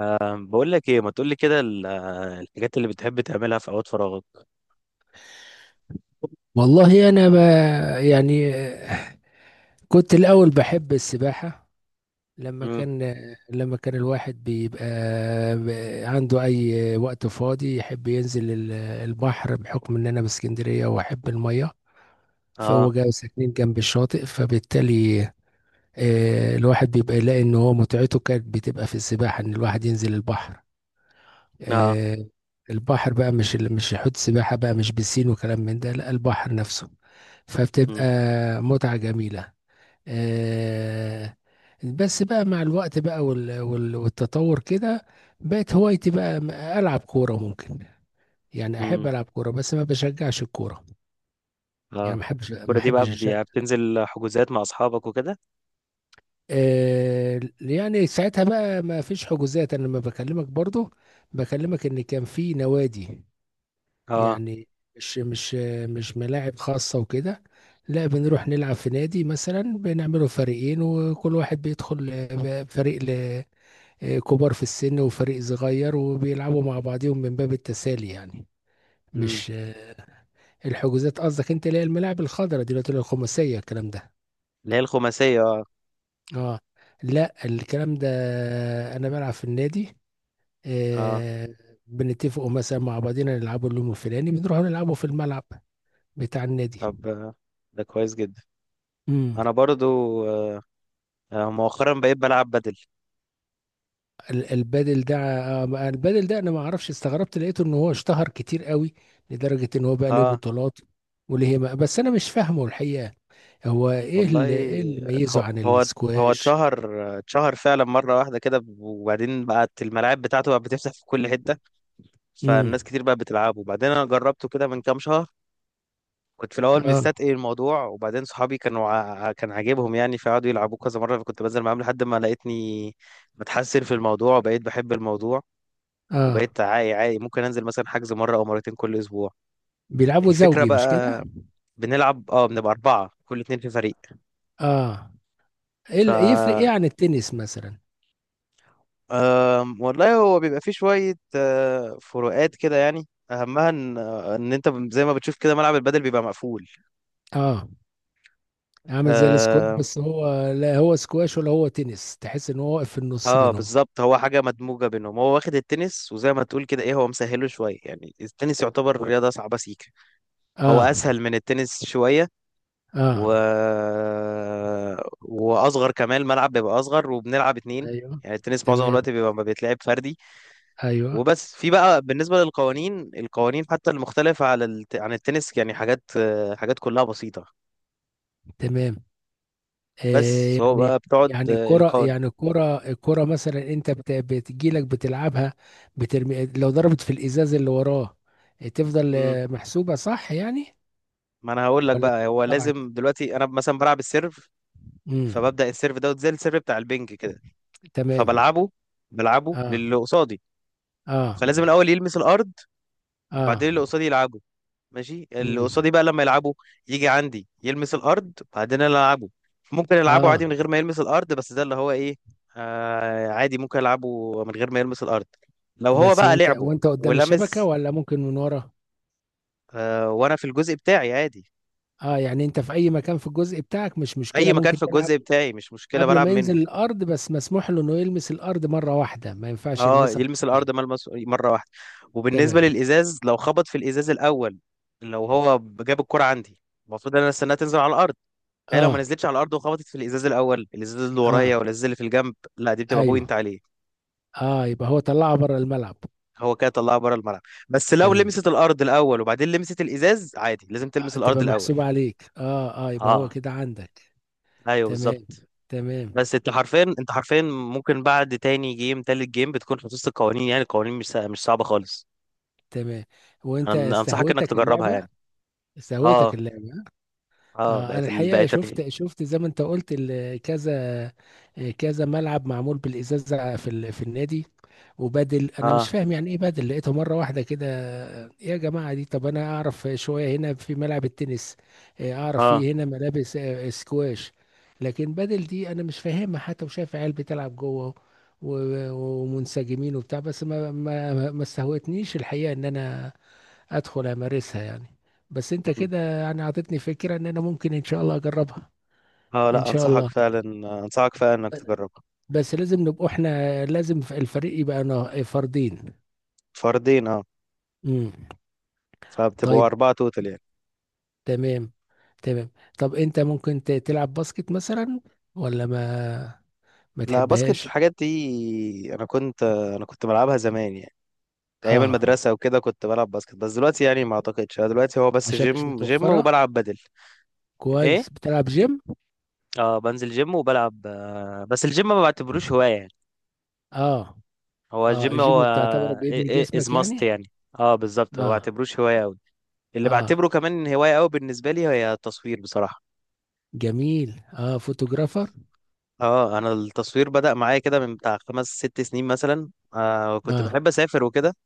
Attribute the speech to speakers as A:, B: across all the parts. A: بقول لك ايه، ما تقول لي كده الحاجات اللي بتحب تعملها في اوقات فراغك؟
B: والله انا ما يعني آه، كنت الاول بحب السباحه. لما
A: امم.
B: كان لما كان الواحد بيبقى، عنده اي وقت فاضي، يحب ينزل البحر، بحكم ان انا باسكندريه واحب الميه،
A: اه.
B: فهو جاي ساكنين جنب الشاطئ. فبالتالي الواحد بيبقى يلاقي ان هو متعته كانت بتبقى في السباحه، ان الواحد ينزل البحر.
A: اه.
B: آه، البحر بقى، مش حوض سباحة بقى، مش بسين وكلام من ده، لا البحر نفسه. فبتبقى
A: امم.
B: متعة جميلة. آه، بس بقى مع الوقت بقى، والتطور كده بقت هوايتي بقى، ألعب كورة ممكن. يعني أحب
A: امم.
B: ألعب كورة بس ما بشجعش الكورة. يعني
A: اه. الكوره
B: ما
A: دي بقى
B: أحبش أشجع.
A: بتنزل حجوزات مع اصحابك وكده؟
B: يعني ساعتها بقى ما فيش حجوزات. أنا لما بكلمك برضو، بكلمك إن كان في نوادي،
A: اه.
B: يعني مش مش مش ملاعب خاصة وكده، لا بنروح نلعب في نادي مثلا، بنعمله فريقين وكل واحد بيدخل فريق، كبار في السن، وفريق صغير، وبيلعبوا مع بعضهم من باب التسالي يعني.
A: امم.
B: مش آه، الحجوزات قصدك انت، اللي هي الملاعب الخضراء دلوقتي، اللي هي الخماسية الكلام ده.
A: اللي هي الخماسيه، اه.
B: اه. لا الكلام ده انا بلعب في النادي.
A: اه.
B: آه، بنتفقوا مثلا مع بعضنا نلعبوا اليوم الفلاني، بنروحوا نلعبوا في الملعب بتاع النادي.
A: طب، ده كويس جدا. انا برضو آه مؤخرا بقيت بلعب بدل.
B: البادل ده، البادل ده انا ما اعرفش، استغربت لقيته ان هو اشتهر كتير قوي، لدرجة ان هو بقى ليه
A: اه.
B: بطولات. وليه ما، بس انا مش فاهمه الحقيقة، هو ايه
A: والله،
B: اللي،
A: هو
B: ميزه عن
A: هو هو
B: السكواش؟
A: اتشهر فعلا مره واحده كده، وبعدين بقت الملاعب بتاعته بقت بتفتح في كل حته.
B: امم.
A: فالناس كتير بقت بتلعبه، وبعدين انا جربته كده من كام شهر. كنت في الاول
B: اه.
A: مستتقي الموضوع، وبعدين صحابي كان عاجبهم يعني، فقعدوا يلعبوه كذا مره، فكنت بنزل معاهم لحد ما لقيتني بتحسن في الموضوع، وبقيت بحب الموضوع.
B: اه.
A: وبقيت عاقي ممكن انزل مثلا حجز مره او مرتين كل اسبوع.
B: بيلعبوا
A: الفكره
B: زوجي مش كده؟
A: بقى، بنلعب، بنبقى اربعه كل اتنين في فريق.
B: اه. ايه
A: ف
B: اللي يفرق ايه عن التنس مثلا؟
A: والله، هو بيبقى فيه شويه فروقات كده يعني، اهمها ان انت زي ما بتشوف كده ملعب البدل بيبقى مقفول.
B: اه، عامل زي السكواش؟ بس هو لا هو سكواش ولا هو تنس، تحس ان هو واقف في النص
A: اه،
B: بينهم.
A: بالظبط. هو حاجة مدموجة بينهم، هو واخد التنس وزي ما تقول كده ايه، هو مسهله شوية يعني. التنس يعتبر رياضة صعبة سيكة. هو
B: اه.
A: اسهل من التنس شوية. و...
B: اه.
A: واصغر كمان، الملعب بيبقى اصغر وبنلعب اتنين.
B: ايوه.
A: يعني التنس معظم
B: تمام.
A: الوقت بيبقى ما بيتلعب فردي.
B: ايوه.
A: وبس. في بقى بالنسبة للقوانين، القوانين حتى المختلفة عن التنس، يعني حاجات كلها بسيطة.
B: تمام.
A: بس
B: آه،
A: هو
B: يعني
A: بقى بتقعد
B: يعني الكرة،
A: القوانين.
B: الكرة مثلا، انت بتجيلك بتلعبها، بترمي، لو ضربت في الازاز اللي وراه، تفضل محسوبة صح يعني؟
A: ما انا هقول لك
B: ولا
A: بقى،
B: تبقى
A: هو
B: طلعت؟
A: لازم دلوقتي انا مثلا بلعب السيرف.
B: امم.
A: فببدأ السيرف دوت، زي السيرف بتاع البنج كده.
B: تمام.
A: فبلعبه
B: اه.
A: للي قصادي.
B: اه.
A: فلازم الأول يلمس الأرض. وبعدين
B: اه.
A: اللي قصادي يلعبه. ماشي، اللي
B: امم.
A: قصادي بقى لما يلعبه، يجي عندي يلمس الأرض، بعدين أنا ألعبه. ممكن ألعبه
B: اه.
A: عادي من غير ما يلمس الأرض، بس ده اللي هو إيه. عادي ممكن ألعبه من غير ما يلمس الأرض، لو هو
B: بس
A: بقى
B: وانت،
A: لعبه
B: قدام الشبكة
A: ولمس.
B: ولا ممكن من ورا؟
A: وأنا في الجزء بتاعي عادي.
B: اه، يعني انت في اي مكان في الجزء بتاعك، مش
A: أي
B: مشكلة،
A: مكان
B: ممكن
A: في
B: تلعب
A: الجزء بتاعي، مش مشكلة
B: قبل
A: بلعب
B: ما
A: منه.
B: ينزل الارض، بس مسموح له انه يلمس الارض مرة واحدة، ما ينفعش
A: اه،
B: يلمسها
A: يلمس الارض
B: مرتين.
A: ملمس مره واحده. وبالنسبه
B: تمام.
A: للازاز، لو خبط في الازاز الاول، لو هو جاب الكره عندي، المفروض ان انا استناها تنزل على الارض. هي لو ما
B: اه.
A: نزلتش على الارض وخبطت في الازاز الاول، الازاز اللي
B: اه.
A: ورايا ولا الازاز اللي في الجنب، لا دي بتبقى
B: ايوه.
A: بوينت عليه.
B: اه، يبقى هو طلعه بره الملعب.
A: هو كده طلعها بره الملعب. بس لو
B: تمام.
A: لمست الارض الاول وبعدين لمست الازاز، عادي. لازم تلمس الارض
B: تبقى
A: الاول.
B: محسوبة عليك، اه اه، يبقى هو
A: اه،
B: كده عندك.
A: ايوه،
B: تمام.
A: بالظبط.
B: تمام.
A: بس انت حرفيا ممكن بعد تاني جيم تالت جيم بتكون حفظت القوانين، يعني القوانين مش صعبه خالص.
B: تمام. وانت
A: انصحك انك
B: استهوتك
A: تجربها
B: اللعبة؟
A: يعني. اه.
B: استهوتك اللعبة؟
A: اه.
B: اه، انا الحقيقه شفت، زي ما انت قلت، كذا كذا ملعب معمول بالازازه، في في النادي. وبدل، انا مش
A: اه.
B: فاهم يعني ايه بدل، لقيته مره واحده كده. إيه يا جماعه دي؟ طب انا اعرف شويه، هنا في ملعب التنس، إيه، اعرف
A: اه.
B: فيه هنا ملابس سكواش، لكن بدل دي انا مش فاهمها. حتى وشايف عيال بتلعب جوه، ومنسجمين وبتاع، بس ما استهوتنيش الحقيقه ان انا ادخل امارسها يعني. بس انت
A: مم.
B: كده يعني اعطيتني فكرة ان انا ممكن ان شاء الله اجربها.
A: اه،
B: ان
A: لا
B: شاء
A: انصحك
B: الله.
A: فعلا. انصحك فعلا انك تجربها.
B: بس لازم نبقى احنا، لازم الفريق يبقى فردين.
A: فردين، اه.
B: امم.
A: فبتبقوا
B: طيب.
A: اربعة توتال يعني.
B: تمام. تمام. طب انت ممكن تلعب باسكت مثلا، ولا ما،
A: لا، باسكت
B: تحبهاش؟
A: الحاجات دي انا كنت بلعبها زمان يعني. ايام
B: اه.
A: المدرسة وكده كنت بلعب باسكت، بس دلوقتي يعني ما اعتقدش. أنا دلوقتي هو بس
B: عشان مش
A: جيم جيم
B: متوفرة.
A: وبلعب بدل.
B: كويس
A: ايه.
B: بتلعب جيم.
A: اه، بنزل جيم وبلعب، بس الجيم ما بعتبروش هواية يعني.
B: اه.
A: هو
B: اه،
A: الجيم هو
B: الجيم بتعتبره بيبني
A: از
B: جسمك
A: ماست
B: يعني.
A: يعني. اه، بالظبط. هو ما
B: اه.
A: بعتبروش هواية أوي. اللي
B: اه.
A: بعتبره كمان هواية قوي بالنسبة لي هي التصوير، بصراحة.
B: جميل، اه فوتوغرافر.
A: اه. انا التصوير بدأ معايا كده من بتاع خمس ست سنين مثلا. كنت
B: اه.
A: بحب اسافر وكده.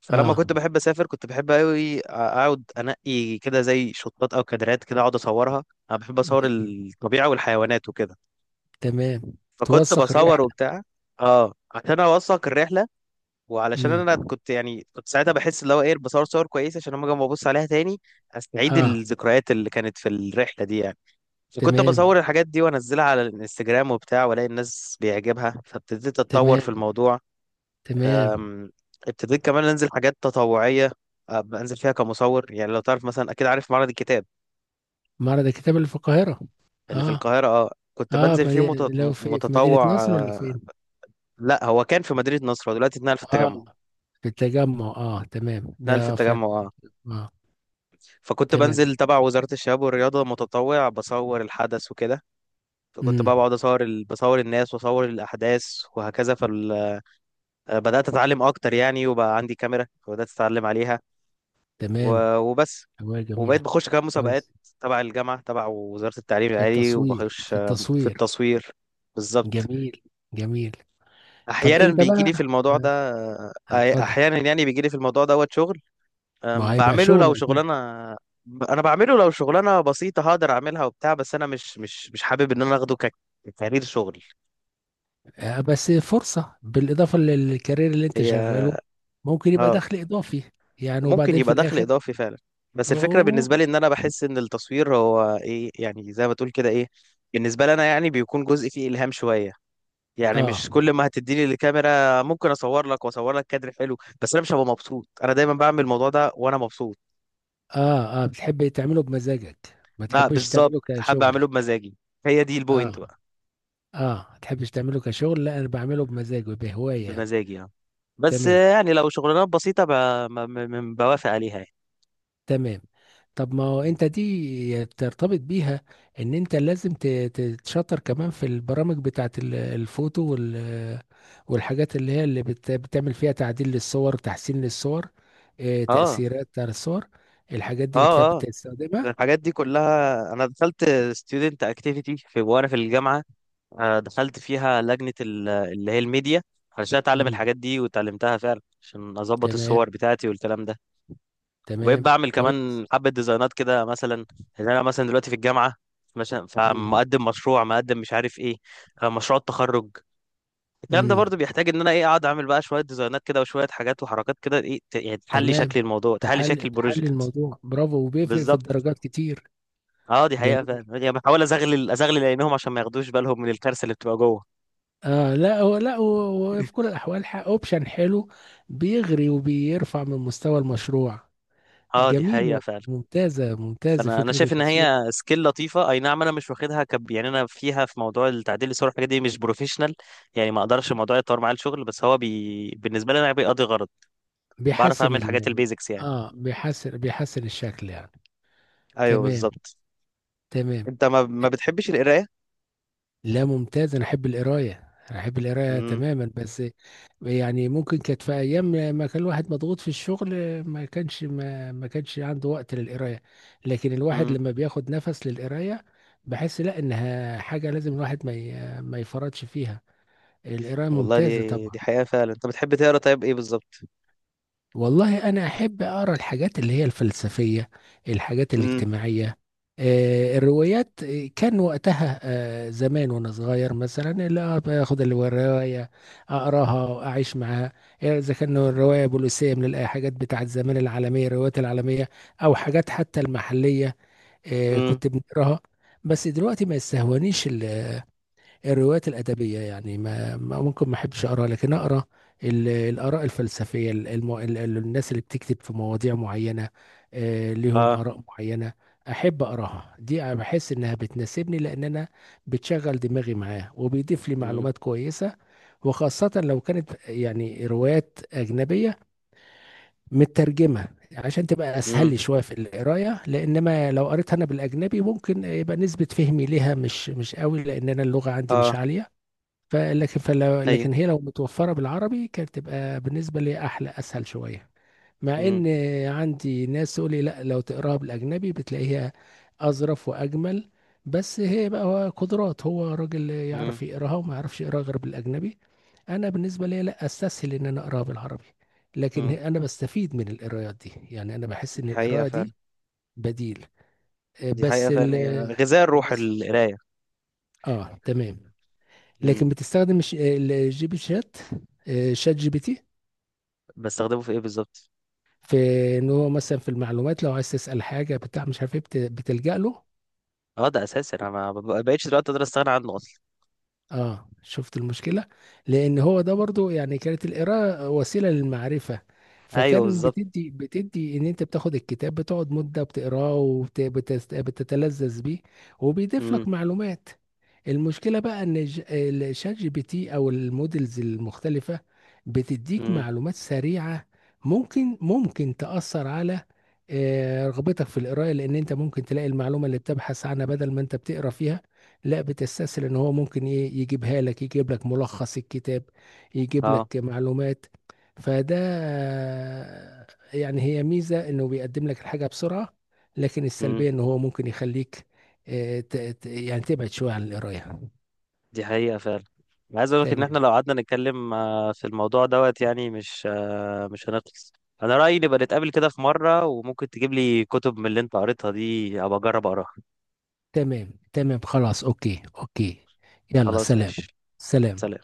A: فلما
B: اه.
A: كنت بحب اسافر، كنت بحب قوي اقعد انقي كده زي شطات او كادرات كده اقعد اصورها. انا بحب اصور
B: جميل.
A: الطبيعة والحيوانات وكده.
B: تمام.
A: فكنت
B: توثق
A: بصور
B: الرحلة.
A: وبتاع. اه، عشان اوثق الرحلة. وعلشان انا
B: امم.
A: كنت يعني، كنت ساعتها بحس اللي هو ايه، بصور صور كويسة عشان لما اجي أما ابص عليها تاني استعيد
B: اه.
A: الذكريات اللي كانت في الرحلة دي يعني. كنت
B: تمام.
A: بصور الحاجات دي وانزلها على الانستجرام وبتاع، والاقي الناس بيعجبها، فابتديت اتطور في
B: تمام.
A: الموضوع.
B: تمام.
A: أم، ابتديت كمان انزل حاجات تطوعية. بنزل فيها كمصور يعني. لو تعرف مثلا، اكيد عارف معرض الكتاب
B: معرض الكتاب اللي في القاهرة.
A: اللي في
B: اه.
A: القاهرة. اه، كنت
B: اه، في
A: بنزل فيه
B: مدينة، لو في، في مدينة
A: متطوع
B: نصر ولا
A: آه،
B: فين؟
A: لا، هو كان في مدينة نصر، هو دلوقتي اتنقل في
B: اه،
A: التجمع.
B: في التجمع. اه تمام،
A: اتنقل في
B: ده فعلا.
A: التجمع، اه.
B: اه.
A: فكنت بنزل
B: تمام.
A: تبع وزارة الشباب والرياضة متطوع، بصور الحدث وكده. فكنت بقى
B: امم.
A: بقعد بصور الناس واصور الاحداث. وهكذا. بدأت أتعلم أكتر يعني، وبقى عندي كاميرا فبدأت أتعلم عليها.
B: تمام.
A: وبس.
B: هواية
A: وبقيت
B: جميلة.
A: بخش كمان مسابقات.
B: كويس.
A: تبع الجامعة، تبع وزارة التعليم
B: في
A: العالي،
B: التصوير.
A: وبخش
B: في
A: في
B: التصوير.
A: التصوير. بالظبط.
B: جميل. جميل. طب
A: أحيانا
B: انت
A: بيجي لي في
B: بقى
A: الموضوع ده آه،
B: اتفضل.
A: أحيانا يعني بيجي لي في الموضوع دوت شغل.
B: ما
A: آم،
B: هيبقى
A: بعمله
B: شغل
A: لو
B: اكيد.
A: شغلانة ب- أنا بعمله لو شغلانة بسيطة هقدر أعملها وبتاع. بس أنا مش حابب إن أنا ككارير شغل.
B: بس فرصة، بالإضافة للكارير اللي أنت
A: هي.
B: شغاله، ممكن يبقى
A: اه،
B: دخل إضافي يعني،
A: ممكن
B: وبعدين في
A: يبقى دخل
B: الآخر.
A: اضافي فعلا. بس الفكره
B: آه.
A: بالنسبه لي، ان انا بحس ان التصوير هو ايه يعني، زي ما تقول كده ايه. بالنسبه لي انا يعني، بيكون جزء فيه الهام شويه. يعني مش
B: آه.
A: كل ما هتديني الكاميرا ممكن اصور لك، واصور لك كادر حلو، بس انا مش هبقى مبسوط. انا دايما بعمل الموضوع ده وانا مبسوط.
B: بتحب تعمله بمزاجك، ما
A: بقى
B: تحبش
A: بالظبط،
B: تعمله
A: حابب
B: كشغل.
A: اعمله بمزاجي. هي دي البوينت
B: آه.
A: بقى.
B: آه، ما تحبش تعمله كشغل، لا أنا بعمله بمزاج وبهواية يعني.
A: بمزاجي يعني. بس
B: تمام.
A: يعني لو شغلانات بسيطه بوافق عليها يعني.
B: تمام. طب ما هو انت دي ترتبط بيها، ان انت لازم تتشطر كمان في البرامج بتاعت الفوتو، وال، والحاجات اللي هي اللي بتعمل فيها تعديل للصور، تحسين للصور، اه،
A: اه.
B: تأثيرات على الصور. الحاجات دي انت
A: اه. اه.
B: بتستخدمها؟
A: الحاجات دي كلها انا دخلت ستودنت اكتيفيتي، في وانا في الجامعه. دخلت فيها لجنة اللي هي الميديا. علشان اتعلم
B: مم.
A: الحاجات دي، واتعلمتها فعلا عشان اظبط
B: تمام.
A: الصور بتاعتي والكلام ده. وبقيت
B: تمام.
A: بعمل
B: كويس.
A: كمان حبة ديزاينات كده مثلا. ان انا مثلا دلوقتي في الجامعة. مثلا
B: مم.
A: فمقدم مشروع، مقدم مش عارف ايه. مشروع التخرج. الكلام ده
B: مم.
A: برضو بيحتاج ان انا ايه، اقعد اعمل بقى شوية ديزاينات كده وشوية حاجات وحركات كده ايه يعني تحلي شكل
B: تمام.
A: الموضوع، تحلي
B: تحل،
A: شكل
B: تحل
A: البروجكت.
B: الموضوع، برافو، وبيفرق في
A: بالظبط.
B: الدرجات كتير.
A: اه، دي حقيقة فعلا
B: جميل.
A: يعني، بحاول ازغلل عينيهم عشان ما ياخدوش بالهم من الكارثة اللي بتبقى جوه.
B: آه لا هو، هو في كل الأحوال، أوبشن حلو، بيغري وبيرفع من مستوى المشروع.
A: اه، دي
B: جميل
A: حقيقة
B: والله،
A: فعلا.
B: ممتازة ممتازة
A: فانا
B: فكرة
A: شايف ان
B: التصوير.
A: هي سكيل لطيفه. اي نعم، انا مش واخدها كب يعني. انا فيها في موضوع التعديل الصور والحاجات دي مش بروفيشنال. يعني ما اقدرش الموضوع يتطور معايا الشغل، بس هو بالنسبه لي انا بيقضي غرض. بعرف
B: بيحسن
A: اعمل حاجات
B: ال،
A: البيزكس يعني.
B: آه بيحسن، الشكل يعني.
A: ايوه،
B: تمام.
A: بالظبط.
B: تمام.
A: انت ما بتحبش القرايه؟
B: لا ممتاز، انا احب القرايه،
A: امم.
B: تماما. بس يعني ممكن كانت في ايام، ما كان الواحد مضغوط في الشغل، ما كانش عنده وقت للقرايه، لكن الواحد
A: امم.
B: لما بياخد نفس للقرايه، بحس لا انها حاجه لازم الواحد، ما يفرطش فيها. القرايه
A: والله
B: ممتازه
A: دي
B: طبعا.
A: دي حقيقه فعلا. انت بتحب تقرا طيب، ايه بالظبط؟
B: والله أنا أحب أقرأ الحاجات اللي هي الفلسفية، الحاجات
A: امم.
B: الاجتماعية، الروايات. كان وقتها، زمان وأنا صغير مثلا، لا باخد الرواية أقراها وأعيش معاها. إذا كان الرواية بوليسية، من الحاجات بتاعت زمان العالمية، الروايات العالمية، أو حاجات حتى المحلية،
A: امم.
B: كنت بنقراها. بس دلوقتي ما يستهونيش الروايات الأدبية يعني، ممكن ما أحبش أقرأ، لكن أقرأ الآراء الفلسفية، الناس اللي بتكتب في مواضيع معينة، ليهم
A: اه.
B: آراء معينة، أحب أقرأها. دي أنا بحس إنها بتناسبني، لأن أنا بتشغل دماغي معاه، وبيضيف لي
A: امم.
B: معلومات كويسة. وخاصة لو كانت يعني روايات أجنبية مترجمة، عشان تبقى أسهل لي
A: امم.
B: شوية في القراية، لأنما لو قريتها أنا بالأجنبي، ممكن يبقى نسبة فهمي ليها مش مش قوي، لأن أنا اللغة عندي مش
A: اه.
B: عالية. فلكن فلو
A: ايوه.
B: لكن هي لو متوفرة بالعربي، كانت تبقى بالنسبة لي أحلى، أسهل شوية. مع
A: امم.
B: إن عندي ناس تقول لي لا، لو تقراها بالأجنبي بتلاقيها أظرف وأجمل، بس هي بقى، هو قدرات، هو راجل يعرف
A: امم.
B: يقراها وما يعرفش يقراها غير بالأجنبي. أنا بالنسبة لي لا، أستسهل إن أنا أقراها بالعربي،
A: امم.
B: أنا بستفيد من القرايات دي يعني، أنا بحس
A: دي
B: إن
A: حقيقه
B: القراءة
A: فعلا.
B: دي بديل. آه،
A: دي حقيقه
B: بس ال
A: فعلا، هي غذاء الروح
B: بس
A: القرايه.
B: تمام.
A: امم.
B: لكن بتستخدم الجي بي شات، شات جي بي تي؟
A: بستخدمه في ايه بالظبط؟
B: في ان هو مثلا في المعلومات، لو عايز تسال حاجه بتاع مش عارف ايه، بتلجا له.
A: اه، ده اساسي. انا ما بقتش دلوقتي اقدر استغنى عنه اصلا.
B: اه، شفت المشكلة، لان هو ده برضو، يعني كانت القراءة وسيلة للمعرفة،
A: ايوه،
B: فكان
A: بالظبط.
B: بتدي، ان انت بتاخد الكتاب، بتقعد مدة بتقراه، وبتتلذذ بيه، وبيضيف
A: امم.
B: لك معلومات. المشكلة بقى ان، الشات جي بي تي او المودلز المختلفة، بتديك
A: امم.
B: معلومات سريعة، ممكن تأثر على رغبتك في القراءة، لان انت ممكن تلاقي المعلومة اللي بتبحث عنها، بدل ما انت بتقرا فيها، لا بتستسهل ان هو ممكن ايه يجيبها لك، يجيب لك ملخص الكتاب، يجيب
A: اه.
B: لك معلومات. فده يعني، هي ميزة انه بيقدم لك الحاجة بسرعة، لكن
A: امم.
B: السلبية ان هو ممكن يخليك يعني تبعد شوية عن القراية.
A: دي حقيقة فعلا. أنا عايز اقول لك ان
B: تمام.
A: احنا لو قعدنا نتكلم في الموضوع دوت يعني، مش هنخلص. انا رأيي، نبقى نتقابل كده في مرة، وممكن تجيب لي كتب من اللي انت قريتها دي ابقى اجرب اقراها.
B: تمام خلاص، اوكي اوكي. يلا
A: خلاص،
B: سلام.
A: ماشي.
B: سلام.
A: سلام.